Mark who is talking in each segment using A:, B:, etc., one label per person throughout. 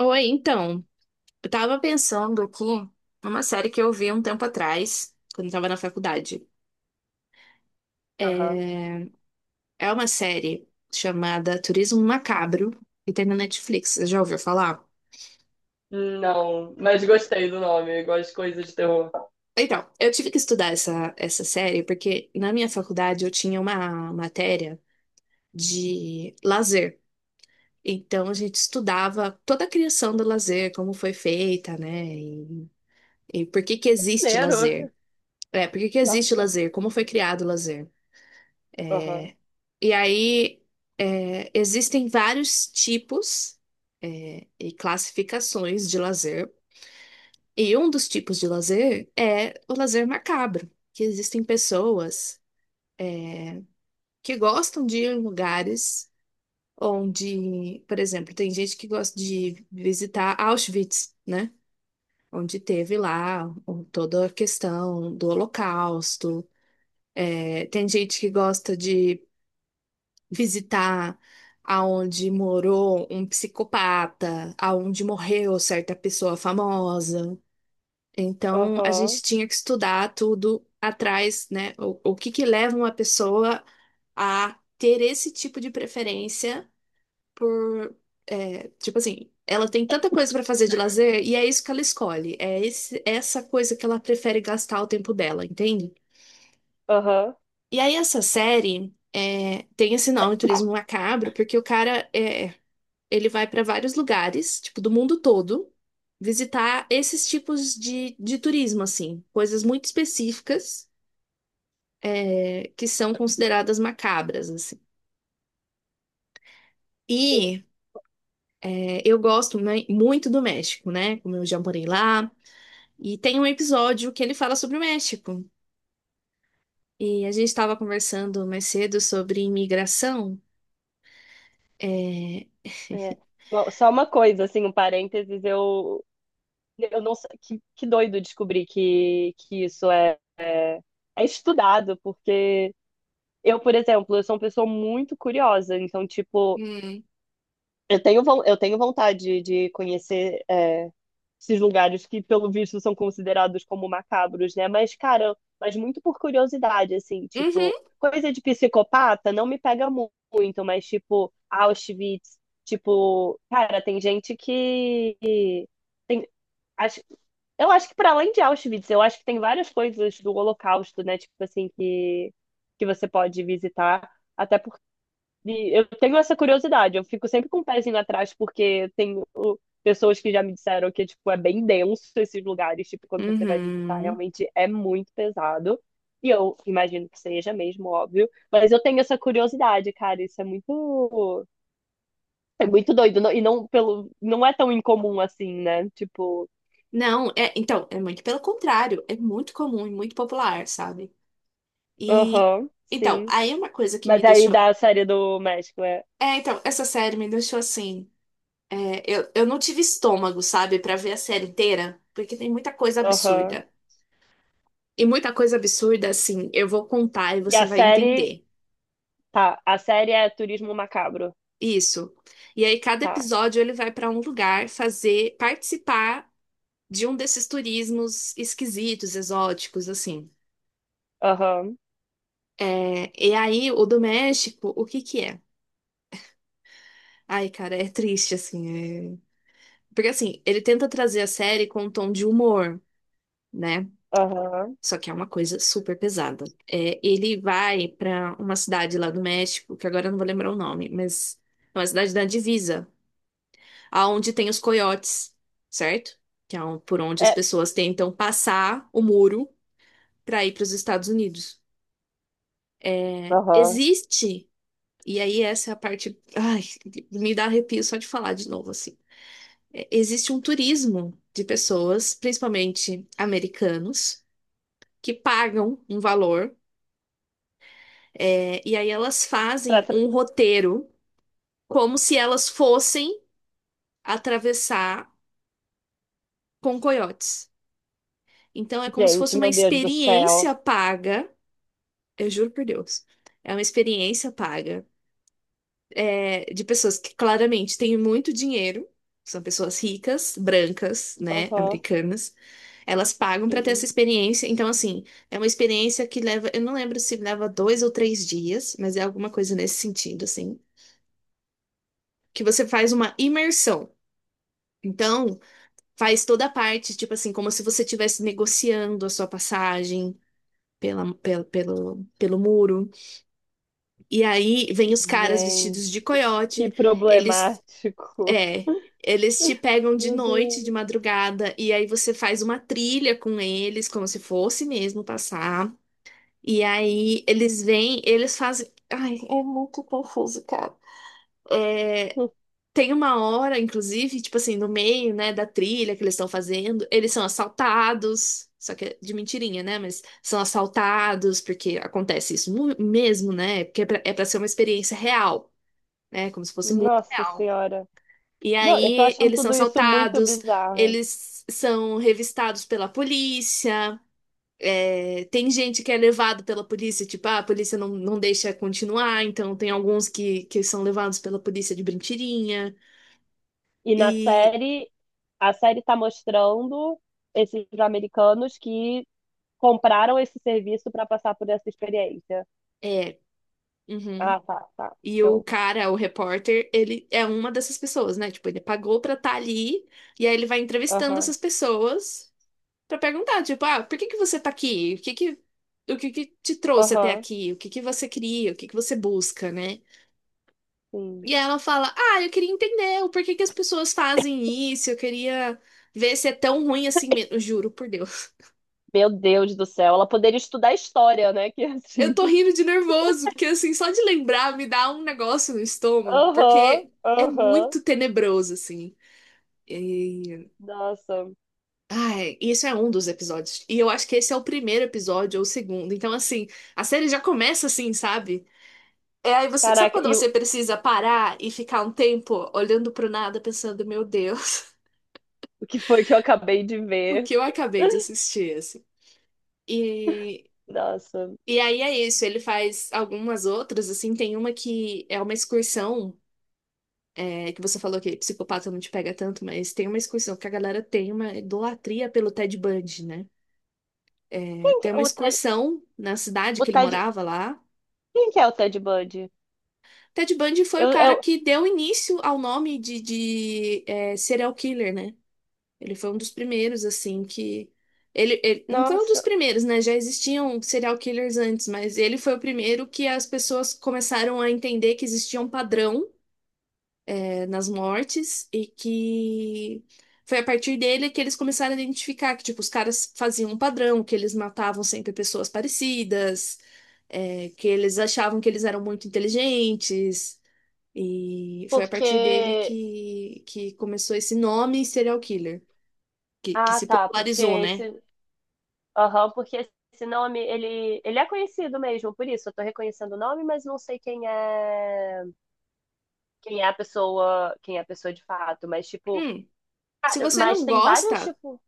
A: Oi, então, eu tava pensando aqui numa série que eu vi um tempo atrás, quando eu tava na faculdade. É
B: Aham.
A: é uma série chamada Turismo Macabro, que tem na Netflix. Você já ouviu falar?
B: Não, mas gostei do nome, gosto de coisas de terror.
A: Então, eu tive que estudar essa série porque na minha faculdade eu tinha uma matéria de lazer. Então, a gente estudava toda a criação do lazer, como foi feita, né? E por que que existe
B: Maneiro.
A: lazer. É, por que que existe
B: Nossa.
A: lazer? Como foi criado o lazer?
B: Aham,
A: E aí, existem vários tipos e classificações de lazer. E um dos tipos de lazer é o lazer macabro, que existem pessoas que gostam de ir em lugares onde, por exemplo, tem gente que gosta de visitar Auschwitz, né? Onde teve lá toda a questão do Holocausto. É, tem gente que gosta de visitar aonde morou um psicopata, aonde morreu certa pessoa famosa. Então, a
B: aham,
A: gente tinha que estudar tudo atrás, né? O que que leva uma pessoa a ter esse tipo de preferência por, tipo assim, ela tem tanta coisa para fazer de lazer e é isso que ela escolhe, é essa coisa que ela prefere gastar o tempo dela, entende?
B: aham.
A: E aí essa série tem esse nome, Turismo Macabro, porque o cara ele vai para vários lugares, tipo, do mundo todo, visitar esses tipos de turismo, assim, coisas muito específicas, que são consideradas macabras, assim.
B: Sim.
A: E eu gosto né, muito do México, né? Como eu já morei lá. E tem um episódio que ele fala sobre o México. E a gente estava conversando mais cedo sobre imigração.
B: É. Bom, só uma coisa, assim, um parênteses, eu não sei, que doido descobrir que isso é estudado, porque eu, por exemplo, eu sou uma pessoa muito curiosa, então, tipo,
A: Hum.
B: eu tenho, eu tenho vontade de conhecer esses lugares que, pelo visto, são considerados como macabros, né? Mas, cara, mas muito por curiosidade, assim,
A: Uhum,
B: tipo, coisa de psicopata não me pega muito, mas, tipo, Auschwitz, tipo, cara, tem gente que tem, acho, eu acho que para além de Auschwitz, eu acho que tem várias coisas do Holocausto, né? Tipo assim, que você pode visitar. Até eu tenho essa curiosidade, eu fico sempre com o pezinho atrás, porque tenho pessoas que já me disseram que, tipo, é bem denso esses lugares, tipo, quando você vai visitar,
A: uhum.
B: realmente é muito pesado. E eu imagino que seja mesmo, óbvio. Mas eu tenho essa curiosidade, cara, isso é muito doido. E não, não é tão incomum assim, né? Tipo,
A: Não, então, é muito pelo contrário, é muito comum e muito popular, sabe? E
B: aham,
A: então,
B: sim.
A: aí uma coisa que me
B: Mas aí
A: deixou.
B: da série do México é,
A: É, então, essa série me deixou assim. Eu não tive estômago, sabe, pra ver a série inteira, porque tem muita coisa
B: aham.
A: absurda. E muita coisa absurda, assim, eu vou contar e
B: E
A: você
B: a
A: vai
B: série,
A: entender.
B: tá, a série é Turismo Macabro,
A: Isso. E aí, cada
B: tá,
A: episódio ele vai pra um lugar fazer, participar de um desses turismos esquisitos, exóticos, assim.
B: aham.
A: É, e aí, o do México, o que que é? Ai, cara, é triste, assim. Porque assim, ele tenta trazer a série com um tom de humor, né?
B: Aham.
A: Só que é uma coisa super pesada. É, ele vai pra uma cidade lá do México, que agora eu não vou lembrar o nome, mas é uma cidade da divisa, aonde tem os coiotes, certo? Que é por onde as
B: É.
A: pessoas tentam passar o muro pra ir pros Estados Unidos.
B: Aham.
A: Existe, e aí essa é a parte, ai, me dá arrepio só de falar de novo assim. É, existe um turismo de pessoas, principalmente americanos que pagam um valor, e aí elas fazem
B: Praça...
A: um roteiro como se elas fossem atravessar com coiotes. Então é como se fosse
B: Gente,
A: uma
B: meu Deus do céu.
A: experiência paga, eu juro por Deus, é uma experiência paga, de pessoas que claramente têm muito dinheiro, são pessoas ricas, brancas, né,
B: Aham.
A: americanas. Elas pagam para ter essa experiência. Então, assim, é uma experiência que leva. Eu não lembro se leva dois ou três dias, mas é alguma coisa nesse sentido, assim, que você faz uma imersão. Então, faz toda a parte, tipo assim, como se você estivesse negociando a sua passagem pelo muro. E aí vem os caras vestidos de
B: Gente, que
A: coiote, eles.
B: problemático.
A: É. Eles te pegam de
B: Meu
A: noite, de
B: Deus.
A: madrugada, e aí você faz uma trilha com eles, como se fosse mesmo passar. E aí eles vêm, eles fazem. Ai, é tem uma hora, inclusive, tipo assim, no meio, né, da trilha que eles estão fazendo, eles são assaltados. Só que é de mentirinha, né? Mas são assaltados, porque acontece isso mesmo, né? Porque é pra ser uma experiência real, né? Como se fosse muito
B: Nossa
A: real.
B: Senhora.
A: E
B: Não, eu tô
A: aí
B: achando
A: eles são
B: tudo isso muito
A: assaltados,
B: bizarro.
A: eles são revistados pela polícia, tem gente que é levado pela polícia, tipo, ah, a polícia não deixa continuar, então tem alguns que são levados pela polícia de mentirinha.
B: E na
A: E.
B: série, a série tá mostrando esses americanos que compraram esse serviço pra passar por essa experiência.
A: é, Uhum.
B: Ah, tá, tá.
A: E o
B: Show.
A: cara, o repórter, ele é uma dessas pessoas, né? Tipo, ele pagou pra estar ali e aí ele vai entrevistando
B: Aham.
A: essas pessoas pra perguntar, tipo, ah, por que que você tá aqui? O que que te trouxe até
B: Aham.
A: aqui? O que que você queria? O que que você busca, né?
B: Sim.
A: E aí ela fala, ah, eu queria entender o porquê que as pessoas fazem isso, eu queria ver se é tão ruim assim mesmo. Juro por Deus.
B: Meu Deus do céu, ela poderia estudar história, né? Que
A: Eu
B: assim.
A: tô rindo de nervoso, porque assim, só de lembrar me dá um negócio no estômago,
B: Aham,
A: porque é
B: aham.
A: muito tenebroso, assim. E...
B: Nossa.
A: Ai, isso é um dos episódios. E eu acho que esse é o primeiro episódio ou o segundo. Então, assim, a série já começa assim, sabe? É aí você. Sabe
B: Caraca,
A: quando
B: e
A: você precisa parar e ficar um tempo olhando pro nada, pensando, meu Deus,
B: o que foi que eu acabei de
A: o
B: ver?
A: que eu acabei de assistir, assim? E.
B: Nossa.
A: E aí é isso, ele faz algumas outras, assim, tem uma que é uma excursão, que você falou que psicopata não te pega tanto, mas tem uma excursão que a galera tem uma idolatria pelo Ted Bundy, né?
B: Quem que
A: Ter
B: é
A: uma excursão na cidade
B: o
A: que ele
B: Ted,
A: morava lá.
B: quem que é o Ted Bundy?
A: Ted Bundy foi o cara
B: Eu,
A: que deu início ao nome de serial killer, né? Ele foi um dos primeiros, assim, que. Ele não foi um dos
B: nossa,
A: primeiros, né? Já existiam serial killers antes, mas ele foi o primeiro que as pessoas começaram a entender que existia um padrão nas mortes e que foi a partir dele que eles começaram a identificar que, tipo, os caras faziam um padrão, que eles matavam sempre pessoas parecidas, que eles achavam que eles eram muito inteligentes. E foi a partir dele
B: porque
A: que começou esse nome serial killer, que
B: ah,
A: se
B: tá, porque
A: popularizou, né?
B: esse, aham, porque esse nome ele é conhecido mesmo, por isso eu tô reconhecendo o nome, mas não sei quem é a pessoa, quem é a pessoa de fato, mas tipo,
A: Hum, Se
B: cara,
A: você
B: mas
A: não
B: tem vários
A: gosta.
B: tipo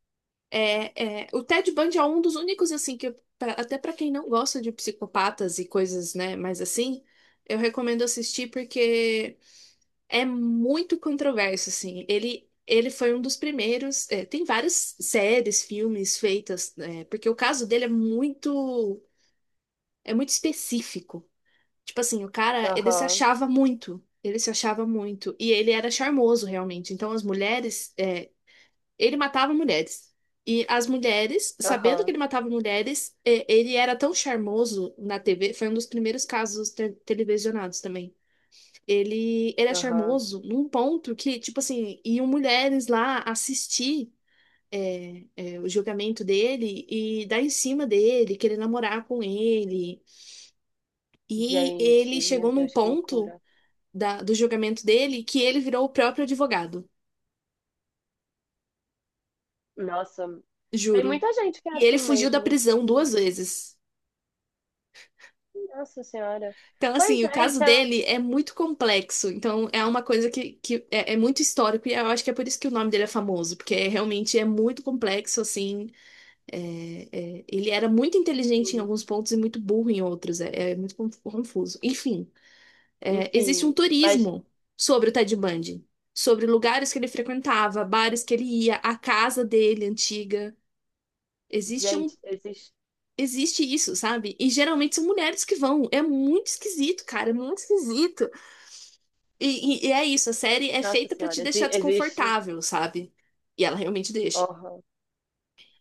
A: É, o Ted Bundy é um dos únicos, assim, que até pra quem não gosta de psicopatas e coisas, né, mas assim, eu recomendo assistir porque é muito controverso, assim. Ele foi um dos primeiros. Tem várias séries, filmes feitas, né, porque o caso dele é muito específico. Tipo assim, o cara, ele se
B: aham,
A: achava muito. Ele se achava muito. E ele era charmoso, realmente. Então, as mulheres. Ele matava mulheres. E as mulheres, sabendo
B: aham,
A: que ele matava mulheres, ele era tão charmoso na TV. Foi um dos primeiros casos televisionados também. Ele era
B: aham.
A: charmoso num ponto que, tipo assim, iam mulheres lá assistir, o julgamento dele e dar em cima dele, querer namorar com ele. E ele
B: Gente, meu
A: chegou num
B: Deus, que
A: ponto
B: loucura.
A: do julgamento dele que ele virou o próprio advogado,
B: Nossa, tem
A: juro.
B: muita gente que é
A: E ele
B: assim
A: fugiu da
B: mesmo.
A: prisão
B: Sim.
A: duas vezes.
B: Nossa Senhora.
A: Então,
B: Pois
A: assim, o
B: é,
A: caso
B: isso é
A: dele é muito complexo. Então, é uma coisa que é muito histórico e eu acho que é por isso que o nome dele é famoso, porque realmente é muito complexo, assim. é- Ele era muito inteligente em
B: assim.
A: alguns pontos e muito burro em outros. É muito confuso. Enfim, existe um
B: Enfim, mas,
A: turismo sobre o Ted Bundy, sobre lugares que ele frequentava, bares que ele ia, a casa dele antiga. Existe um
B: gente, existe.
A: Existe isso, sabe? E geralmente são mulheres que vão. É muito esquisito, cara. É muito esquisito. E é isso, a série é
B: Nossa
A: feita pra te
B: Senhora,
A: deixar
B: existe.
A: desconfortável, sabe? E ela realmente deixa.
B: Aham.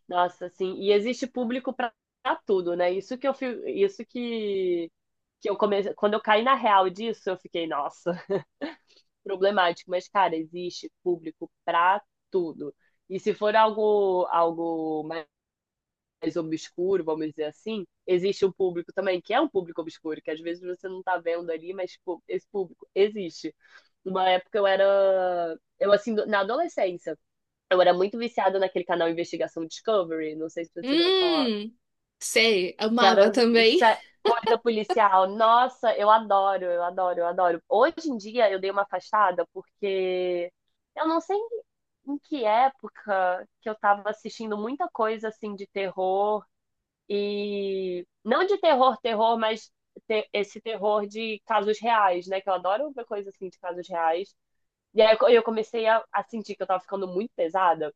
B: Nossa, assim, e existe público pra pra tudo, né? Isso que eu isso que eu comecei. Quando eu caí na real disso, eu fiquei, nossa. Problemático, mas, cara, existe público pra tudo. E se for algo, algo mais obscuro, vamos dizer assim, existe um público também, que é um público obscuro, que às vezes você não tá vendo ali, mas pô, esse público existe. Uma época eu era. Eu, assim, na adolescência, eu era muito viciada naquele canal Investigação Discovery, não sei se você já ouviu falar
A: Hum, sei,
B: que
A: amava
B: era
A: também.
B: corrida policial. Nossa, eu adoro, eu adoro, eu adoro. Hoje em dia eu dei uma afastada porque eu não sei em que época que eu tava assistindo muita coisa assim de terror e não de terror, terror, mas esse terror de casos reais, né? Que eu adoro ver coisa assim de casos reais. E aí eu comecei a sentir que eu tava ficando muito pesada.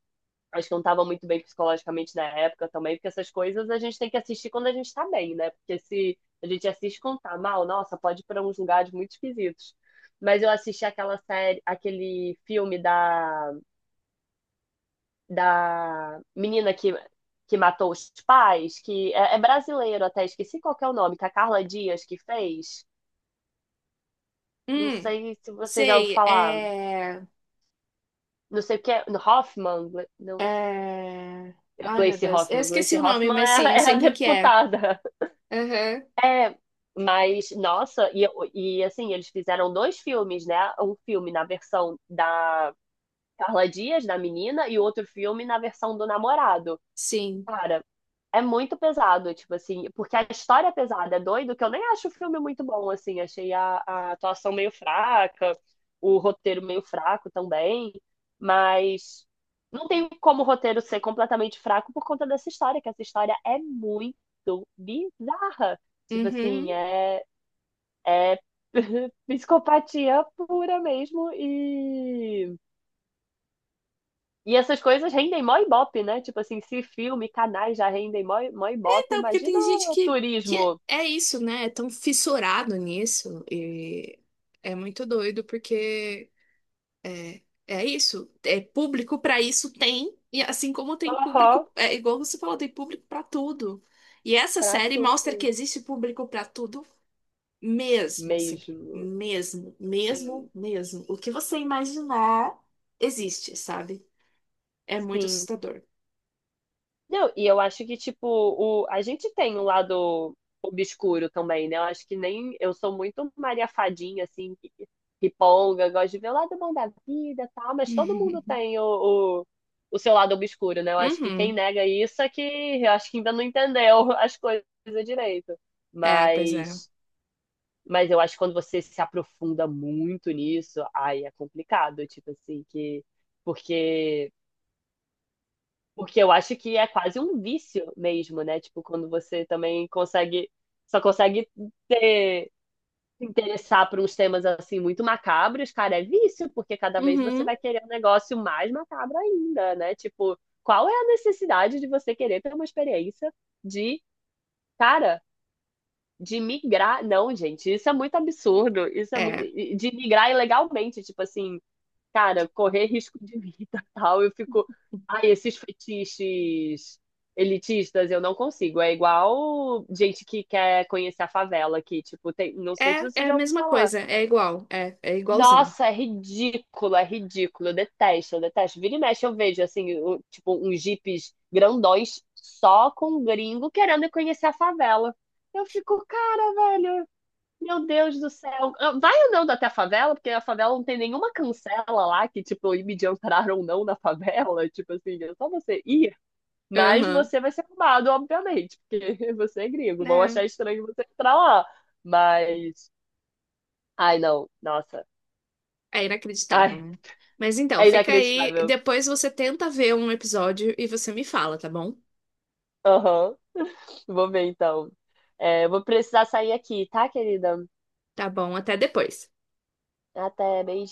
B: Acho que não estava muito bem psicologicamente na época também, porque essas coisas a gente tem que assistir quando a gente está bem, né? Porque se a gente assiste quando tá mal, nossa, pode ir para uns lugares muito esquisitos. Mas eu assisti aquela série, aquele filme da menina que matou os pais, é brasileiro até, esqueci qual que é o nome, que a Carla Dias que fez. Não
A: Hum,
B: sei se você já ouviu
A: sei,
B: falar. Não sei o que é. Hoffman? Gle- Não,
A: é... Ai, meu
B: Gleice
A: Deus, eu
B: Hoffman.
A: esqueci
B: Gleice
A: o nome,
B: Hoffman
A: mas sim, eu
B: é a
A: sei quem que é.
B: deputada.
A: Aham,
B: É, mas, nossa, e assim, eles fizeram dois filmes, né? Um filme na versão da Carla Dias, da menina, e outro filme na versão do namorado.
A: sim.
B: Cara, é muito pesado, tipo assim, porque a história é pesada, é doido, que eu nem acho o filme muito bom, assim, achei a atuação meio fraca, o roteiro meio fraco também, mas não tem como o roteiro ser completamente fraco por conta dessa história, que essa história é muito bizarra. Tipo assim,
A: Uhum.
B: é é psicopatia pura mesmo e essas coisas rendem mó ibope, né? Tipo assim, se filme, canais já rendem mó, mó
A: É,
B: ibope,
A: então, porque
B: imagina
A: tem gente
B: o
A: que
B: turismo.
A: é isso, né? É tão fissurado nisso e é muito doido porque é isso. É público para isso tem, e assim como tem
B: Aham,
A: público, é igual você falou, tem público para tudo. E essa
B: pra
A: série
B: tudo
A: mostra que existe público para tudo mesmo, assim,
B: mesmo.
A: mesmo, mesmo,
B: Sim,
A: mesmo. O que você imaginar existe, sabe? É muito
B: sim.
A: assustador.
B: Não, e eu acho que, tipo, o, a gente tem um lado obscuro também, né? Eu acho que nem. Eu sou muito Maria Fadinha, assim, riponga, gosto de ver o lado bom da vida e tal, mas todo mundo tem o seu lado obscuro, né? Eu acho que quem
A: Uhum.
B: nega isso é que. Eu acho que ainda não entendeu as coisas direito.
A: É, pois é.
B: Mas. Mas eu acho que quando você se aprofunda muito nisso, ai é complicado, tipo assim, que. Porque. Porque eu acho que é quase um vício mesmo, né? Tipo, quando você também consegue, só consegue ter, se interessar por uns temas assim muito macabros, cara, é vício, porque cada vez você
A: Uhum.
B: vai querer um negócio mais macabro ainda, né? Tipo, qual é a necessidade de você querer ter uma experiência de, cara, de migrar? Não, gente, isso é muito absurdo. Isso é muito,
A: É.
B: de migrar ilegalmente, tipo assim, cara, correr risco de vida, tal. Eu fico, ai, esses fetiches elitistas eu não consigo. É igual gente que quer conhecer a favela aqui, tipo, tem, não sei se
A: É,
B: você
A: é a
B: já ouviu
A: mesma
B: falar.
A: coisa, é igual, é igualzinho.
B: Nossa, é ridículo, é ridículo. Eu detesto, eu detesto. Vira e mexe eu vejo assim, tipo, uns jipes grandões só com um gringo querendo conhecer a favela. Eu fico, cara, velho. Meu Deus do céu. Ah, vai andando até a favela, porque a favela não tem nenhuma cancela lá que, tipo, me entrar ou não na favela. Tipo assim, é só você ir. Mas
A: Aham.
B: você vai ser roubado, obviamente, porque você é gringo. Vão
A: É.
B: achar estranho você entrar lá. Mas. Ai, não. Nossa.
A: É
B: Ai,
A: inacreditável, né? Mas
B: é
A: então, fica aí.
B: inacreditável.
A: Depois você tenta ver um episódio e você me fala, tá bom?
B: Aham. Vou ver então. É, eu vou precisar sair aqui, tá, querida?
A: Tá bom, até depois.
B: Até, beijinho.